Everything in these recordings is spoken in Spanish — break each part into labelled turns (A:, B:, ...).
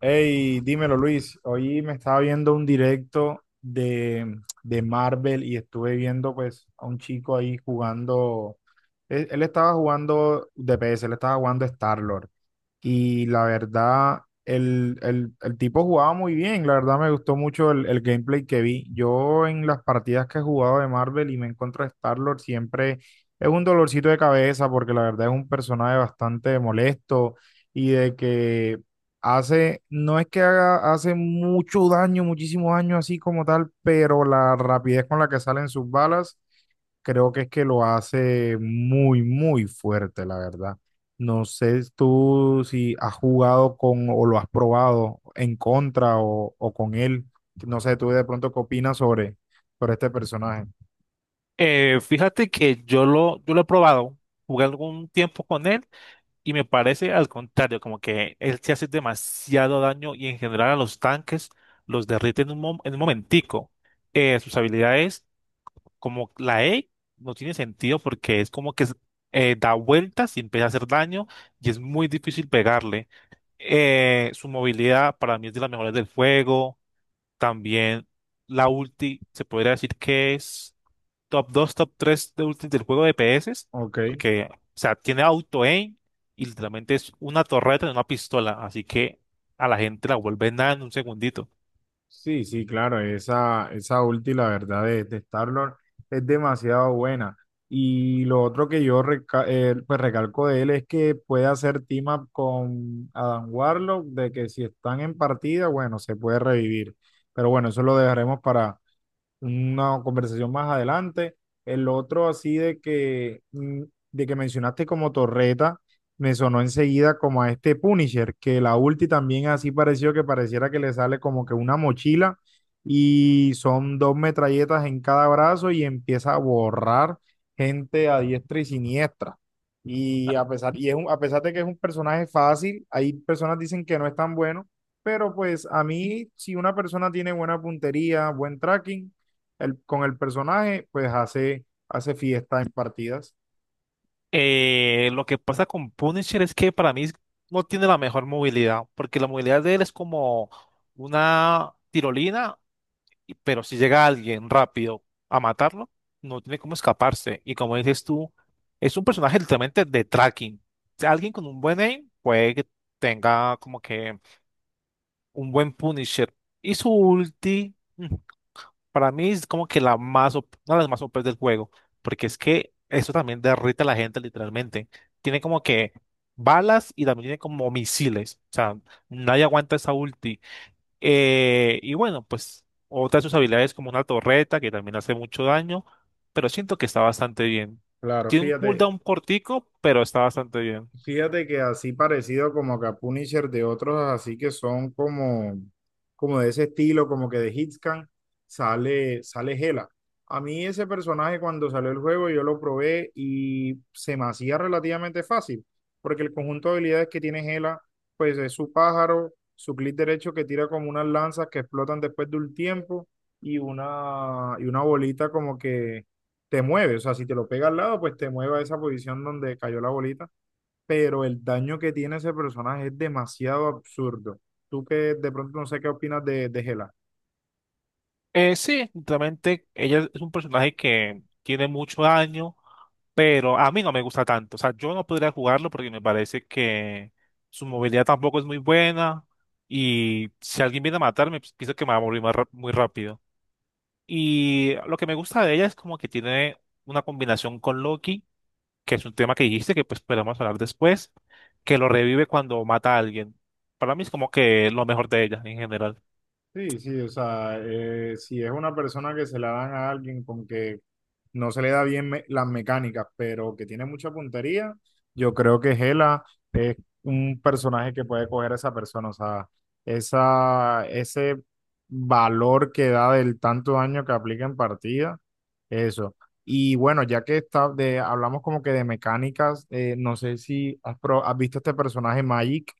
A: Hey, dímelo Luis. Hoy me estaba viendo un directo de Marvel y estuve viendo, pues, a un chico ahí jugando, él estaba jugando DPS, él estaba jugando Star-Lord. Y la verdad el tipo jugaba muy bien, la verdad me gustó mucho el gameplay que vi. Yo, en las partidas que he jugado de Marvel y me encuentro a Star-Lord, siempre es un dolorcito de cabeza porque la verdad es un personaje bastante molesto. Y de que Hace, no es que haga, hace mucho daño, muchísimos años así como tal, pero la rapidez con la que salen sus balas, creo que es que lo hace muy, muy fuerte, la verdad. No sé tú si has jugado con o lo has probado en contra, o con él. No sé tú de pronto qué opinas sobre este personaje.
B: Fíjate que yo lo he probado, jugué algún tiempo con él y me parece al contrario, como que él se hace demasiado daño y en general a los tanques los derrite en en un momentico. Sus habilidades, como la E, no tiene sentido porque es como que es- da vueltas y empieza a hacer daño y es muy difícil pegarle. Su movilidad para mí es de las mejores del juego. También la ulti, se podría decir que es top 2, top 3 de del juego de PS,
A: Ok.
B: porque, o sea, tiene auto-aim y literalmente es una torreta de una pistola, así que a la gente la vuelve nada en un segundito.
A: Sí, sí, claro, esa ulti, la verdad, de Star-Lord es demasiado buena. Y lo otro que yo pues recalco de él es que puede hacer team up con Adam Warlock, de que si están en partida, bueno, se puede revivir. Pero bueno, eso lo dejaremos para una conversación más adelante. El otro así de que mencionaste como torreta, me sonó enseguida como a este Punisher, que la ulti también así pareció que pareciera que le sale como que una mochila y son dos metralletas en cada brazo y empieza a borrar gente a diestra y siniestra. Y a pesar, a pesar de que es un personaje fácil, hay personas dicen que no es tan bueno, pero pues a mí, si una persona tiene buena puntería, buen tracking, con el personaje, pues hace fiesta en partidas.
B: Lo que pasa con Punisher es que para mí no tiene la mejor movilidad, porque la movilidad de él es como una tirolina pero si llega alguien rápido a matarlo, no tiene cómo escaparse. Y como dices tú, es un personaje literalmente de tracking. O sea, alguien con un buen aim puede que tenga como que un buen Punisher. Y su ulti, para mí es como que la una de las más OP del juego, porque es que eso también derrite a la gente literalmente. Tiene como que balas y también tiene como misiles. O sea, nadie aguanta esa ulti. Y bueno, pues otra de sus habilidades como una torreta que también hace mucho daño, pero siento que está bastante bien.
A: Claro.
B: Tiene un cooldown cortico, pero está bastante bien.
A: Fíjate que así parecido como que a Punisher de otros, así que son como de ese estilo, como que de Hitscan, sale Hela. A mí ese personaje, cuando salió el juego, yo lo probé y se me hacía relativamente fácil, porque el conjunto de habilidades que tiene Hela, pues es su pájaro, su clic derecho que tira como unas lanzas que explotan después de un tiempo y una bolita como que te mueve. O sea, si te lo pega al lado, pues te mueve a esa posición donde cayó la bolita. Pero el daño que tiene ese personaje es demasiado absurdo. Tú que de pronto, no sé qué opinas de Hela.
B: Sí, realmente ella es un personaje que tiene mucho daño, pero a mí no me gusta tanto. O sea, yo no podría jugarlo porque me parece que su movilidad tampoco es muy buena y si alguien viene a matarme, pues pienso que me va a morir muy rápido. Y lo que me gusta de ella es como que tiene una combinación con Loki, que es un tema que dijiste que pues podemos hablar después, que lo revive cuando mata a alguien. Para mí es como que lo mejor de ella en general.
A: Sí, sí, o sea, si es una persona que se la dan a alguien con que no se le da bien las mecánicas, pero que tiene mucha puntería, yo creo que Gela es un personaje que puede coger a esa persona. O sea, ese valor que da del tanto daño que aplica en partida, eso. Y bueno, ya que hablamos como que de mecánicas, no sé si has visto este personaje Magic,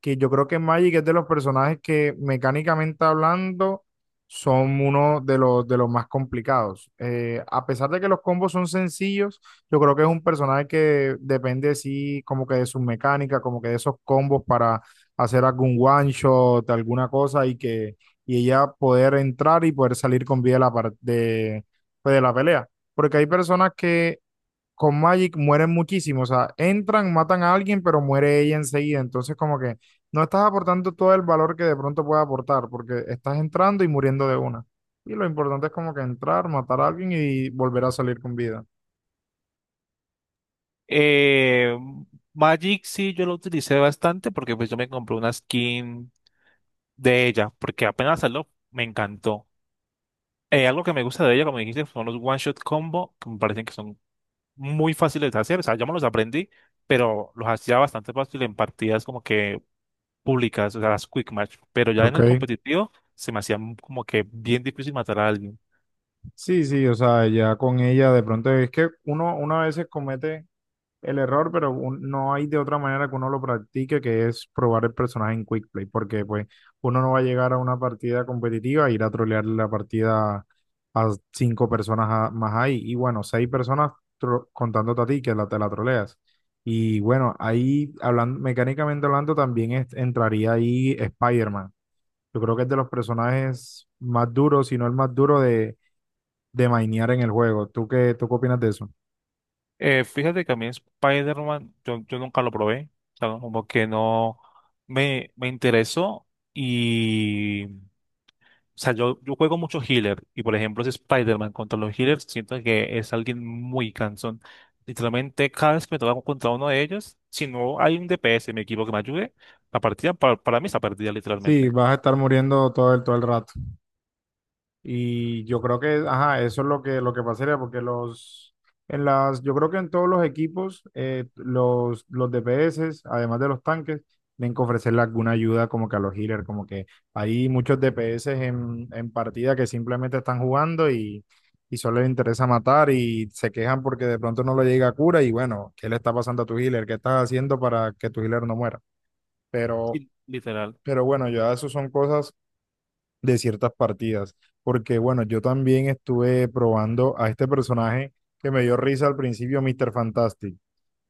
A: que yo creo que Magic es de los personajes que, mecánicamente hablando, son uno de los más complicados. A pesar de que los combos son sencillos, yo creo que es un personaje que depende sí, como que de su mecánica, como que de esos combos para hacer algún one shot, alguna cosa, y que y ella poder entrar y poder salir con vida de la, par- de, pues, de la pelea. Porque hay personas que con Magic mueren muchísimos, o sea, entran, matan a alguien, pero muere ella enseguida, entonces como que no estás aportando todo el valor que de pronto puede aportar, porque estás entrando y muriendo de una. Y lo importante es como que entrar, matar a alguien y volver a salir con vida.
B: Eh, Magic sí yo lo utilicé bastante porque pues yo me compré una skin de ella, porque apenas salió me encantó. Algo que me gusta de ella, como dijiste, son los one shot combo, que me parecen que son muy fáciles de hacer, o sea, yo me los aprendí, pero los hacía bastante fácil en partidas como que públicas, o sea, las quick match, pero ya en el
A: Ok.
B: competitivo se me hacía como que bien difícil matar a alguien.
A: Sí, sí, o sea, ya con ella, de pronto es que uno a veces comete el error. Pero no hay de otra manera que uno lo practique, que es probar el personaje en Quick Play, porque pues uno no va a llegar a una partida competitiva e ir a trolear la partida a cinco personas más ahí, y bueno, seis personas contándote a ti, que te la troleas. Y bueno, ahí hablando, mecánicamente hablando, también entraría ahí Spider-Man. Yo creo que es de los personajes más duros, si no el más duro, de mainear en el juego. ¿Tú qué opinas de eso?
B: Fíjate que a mí Spider-Man, yo nunca lo probé, o sea, no, como que no me interesó y, o sea, yo juego mucho healer y por ejemplo ese Spider-Man contra los healers siento que es alguien muy cansón. Literalmente cada vez que me toca contra uno de ellos, si no hay un DPS en mi equipo que me ayude, la partida para mí está perdida
A: Sí,
B: literalmente.
A: vas a estar muriendo todo el rato. Y yo creo que, ajá, eso es lo que pasaría, porque yo creo que en todos los equipos, los DPS, además de los tanques, tienen que ofrecerle alguna ayuda como que a los healers. Como que hay muchos DPS en partida que simplemente están jugando y solo les interesa matar y se quejan porque de pronto no lo llega cura. Y bueno, ¿qué le está pasando a tu healer? ¿Qué estás haciendo para que tu healer no muera? Pero,
B: Literal.
A: pero bueno, ya eso son cosas de ciertas partidas. Porque bueno, yo también estuve probando a este personaje que me dio risa al principio, Mr. Fantastic.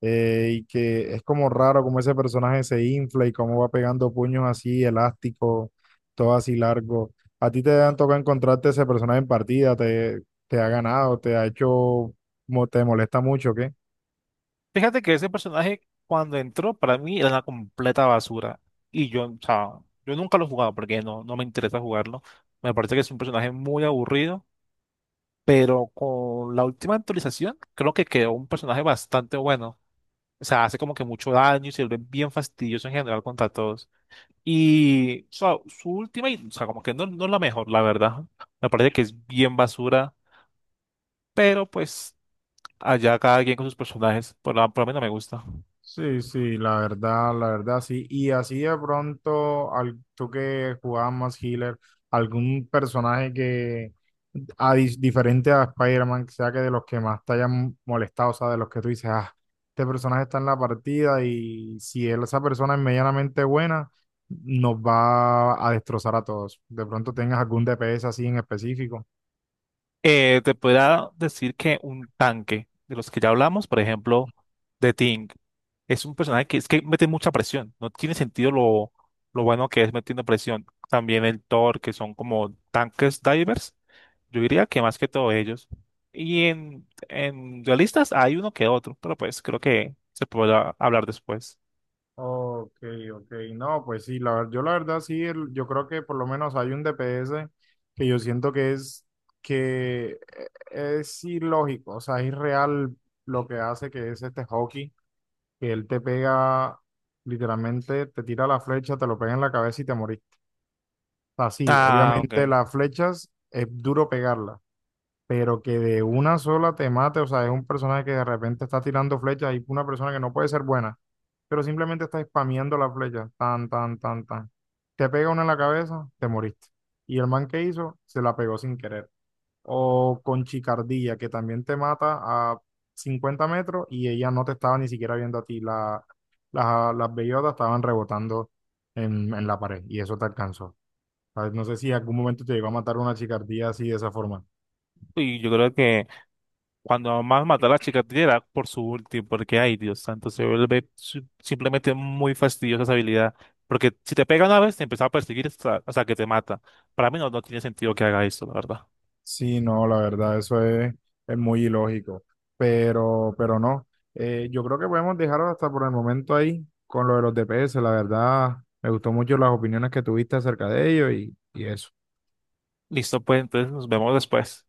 A: Y que es como raro como ese personaje se infla y cómo va pegando puños así elásticos, todo así largo. ¿A ti te han tocado encontrarte ese personaje en partida? ¿Te ha ganado? ¿Te ha hecho, te molesta mucho? ¿O qué?
B: Fíjate que ese personaje cuando entró para mí era una completa basura y yo, o sea, yo nunca lo he jugado porque no, no me interesa jugarlo. Me parece que es un personaje muy aburrido, pero con la última actualización creo que quedó un personaje bastante bueno. O sea, hace como que mucho daño y se vuelve bien fastidioso en general contra todos. Y o sea, o sea, como que no, no es la mejor, la verdad. Me parece que es bien basura, pero pues allá cada quien con sus personajes, por lo menos me gusta.
A: Sí, sí, la verdad, sí. Y así de pronto, tú que jugabas más healer, algún personaje que diferente a Spider-Man, que sea que de los que más te hayan molestado, o sea, de los que tú dices, ah, este personaje está en la partida y, si él, esa persona es medianamente buena, nos va a destrozar a todos. De pronto tengas algún DPS así en específico.
B: Te podría decir que un tanque de los que ya hablamos, por ejemplo, de Ting, es un personaje que es que mete mucha presión. No tiene sentido lo bueno que es metiendo presión. También el Thor, que son como tanques divers. Yo diría que más que todo ellos. Y en duelistas hay uno que otro, pero pues creo que se podrá hablar después.
A: Ok, ok. No, pues sí, yo la verdad sí, yo creo que por lo menos hay un DPS que yo siento que es ilógico. O sea, es irreal lo que hace, que es este hockey, que él te pega. Literalmente, te tira la flecha, te lo pega en la cabeza y te moriste. Así,
B: Ah,
A: obviamente,
B: ok.
A: las flechas es duro pegarlas, pero que de una sola te mate. O sea, es un personaje que de repente está tirando flechas y una persona que no puede ser buena, pero simplemente está spameando las flechas, tan, tan, tan, tan. Te pega una en la cabeza, te moriste. Y el man que hizo, se la pegó sin querer o con chicardía, que también te mata a 50 metros y ella no te estaba ni siquiera viendo a ti. Las bellotas estaban rebotando en la pared y eso te alcanzó. ¿Sabes? No sé si en algún momento te llegó a matar una chicardía así de esa forma.
B: Y yo creo que cuando más mató a la chica era por su ulti, porque ay Dios santo, se vuelve simplemente muy fastidiosa esa habilidad. Porque si te pega una vez, te empieza a perseguir hasta que te mata. Para mí no tiene sentido que haga eso, la verdad.
A: Sí, no, la verdad, eso es muy ilógico. Pero no. Yo creo que podemos dejarlo hasta por el momento ahí con lo de los DPS. La verdad, me gustó mucho las opiniones que tuviste acerca de ello, y eso.
B: Listo, pues entonces nos vemos después.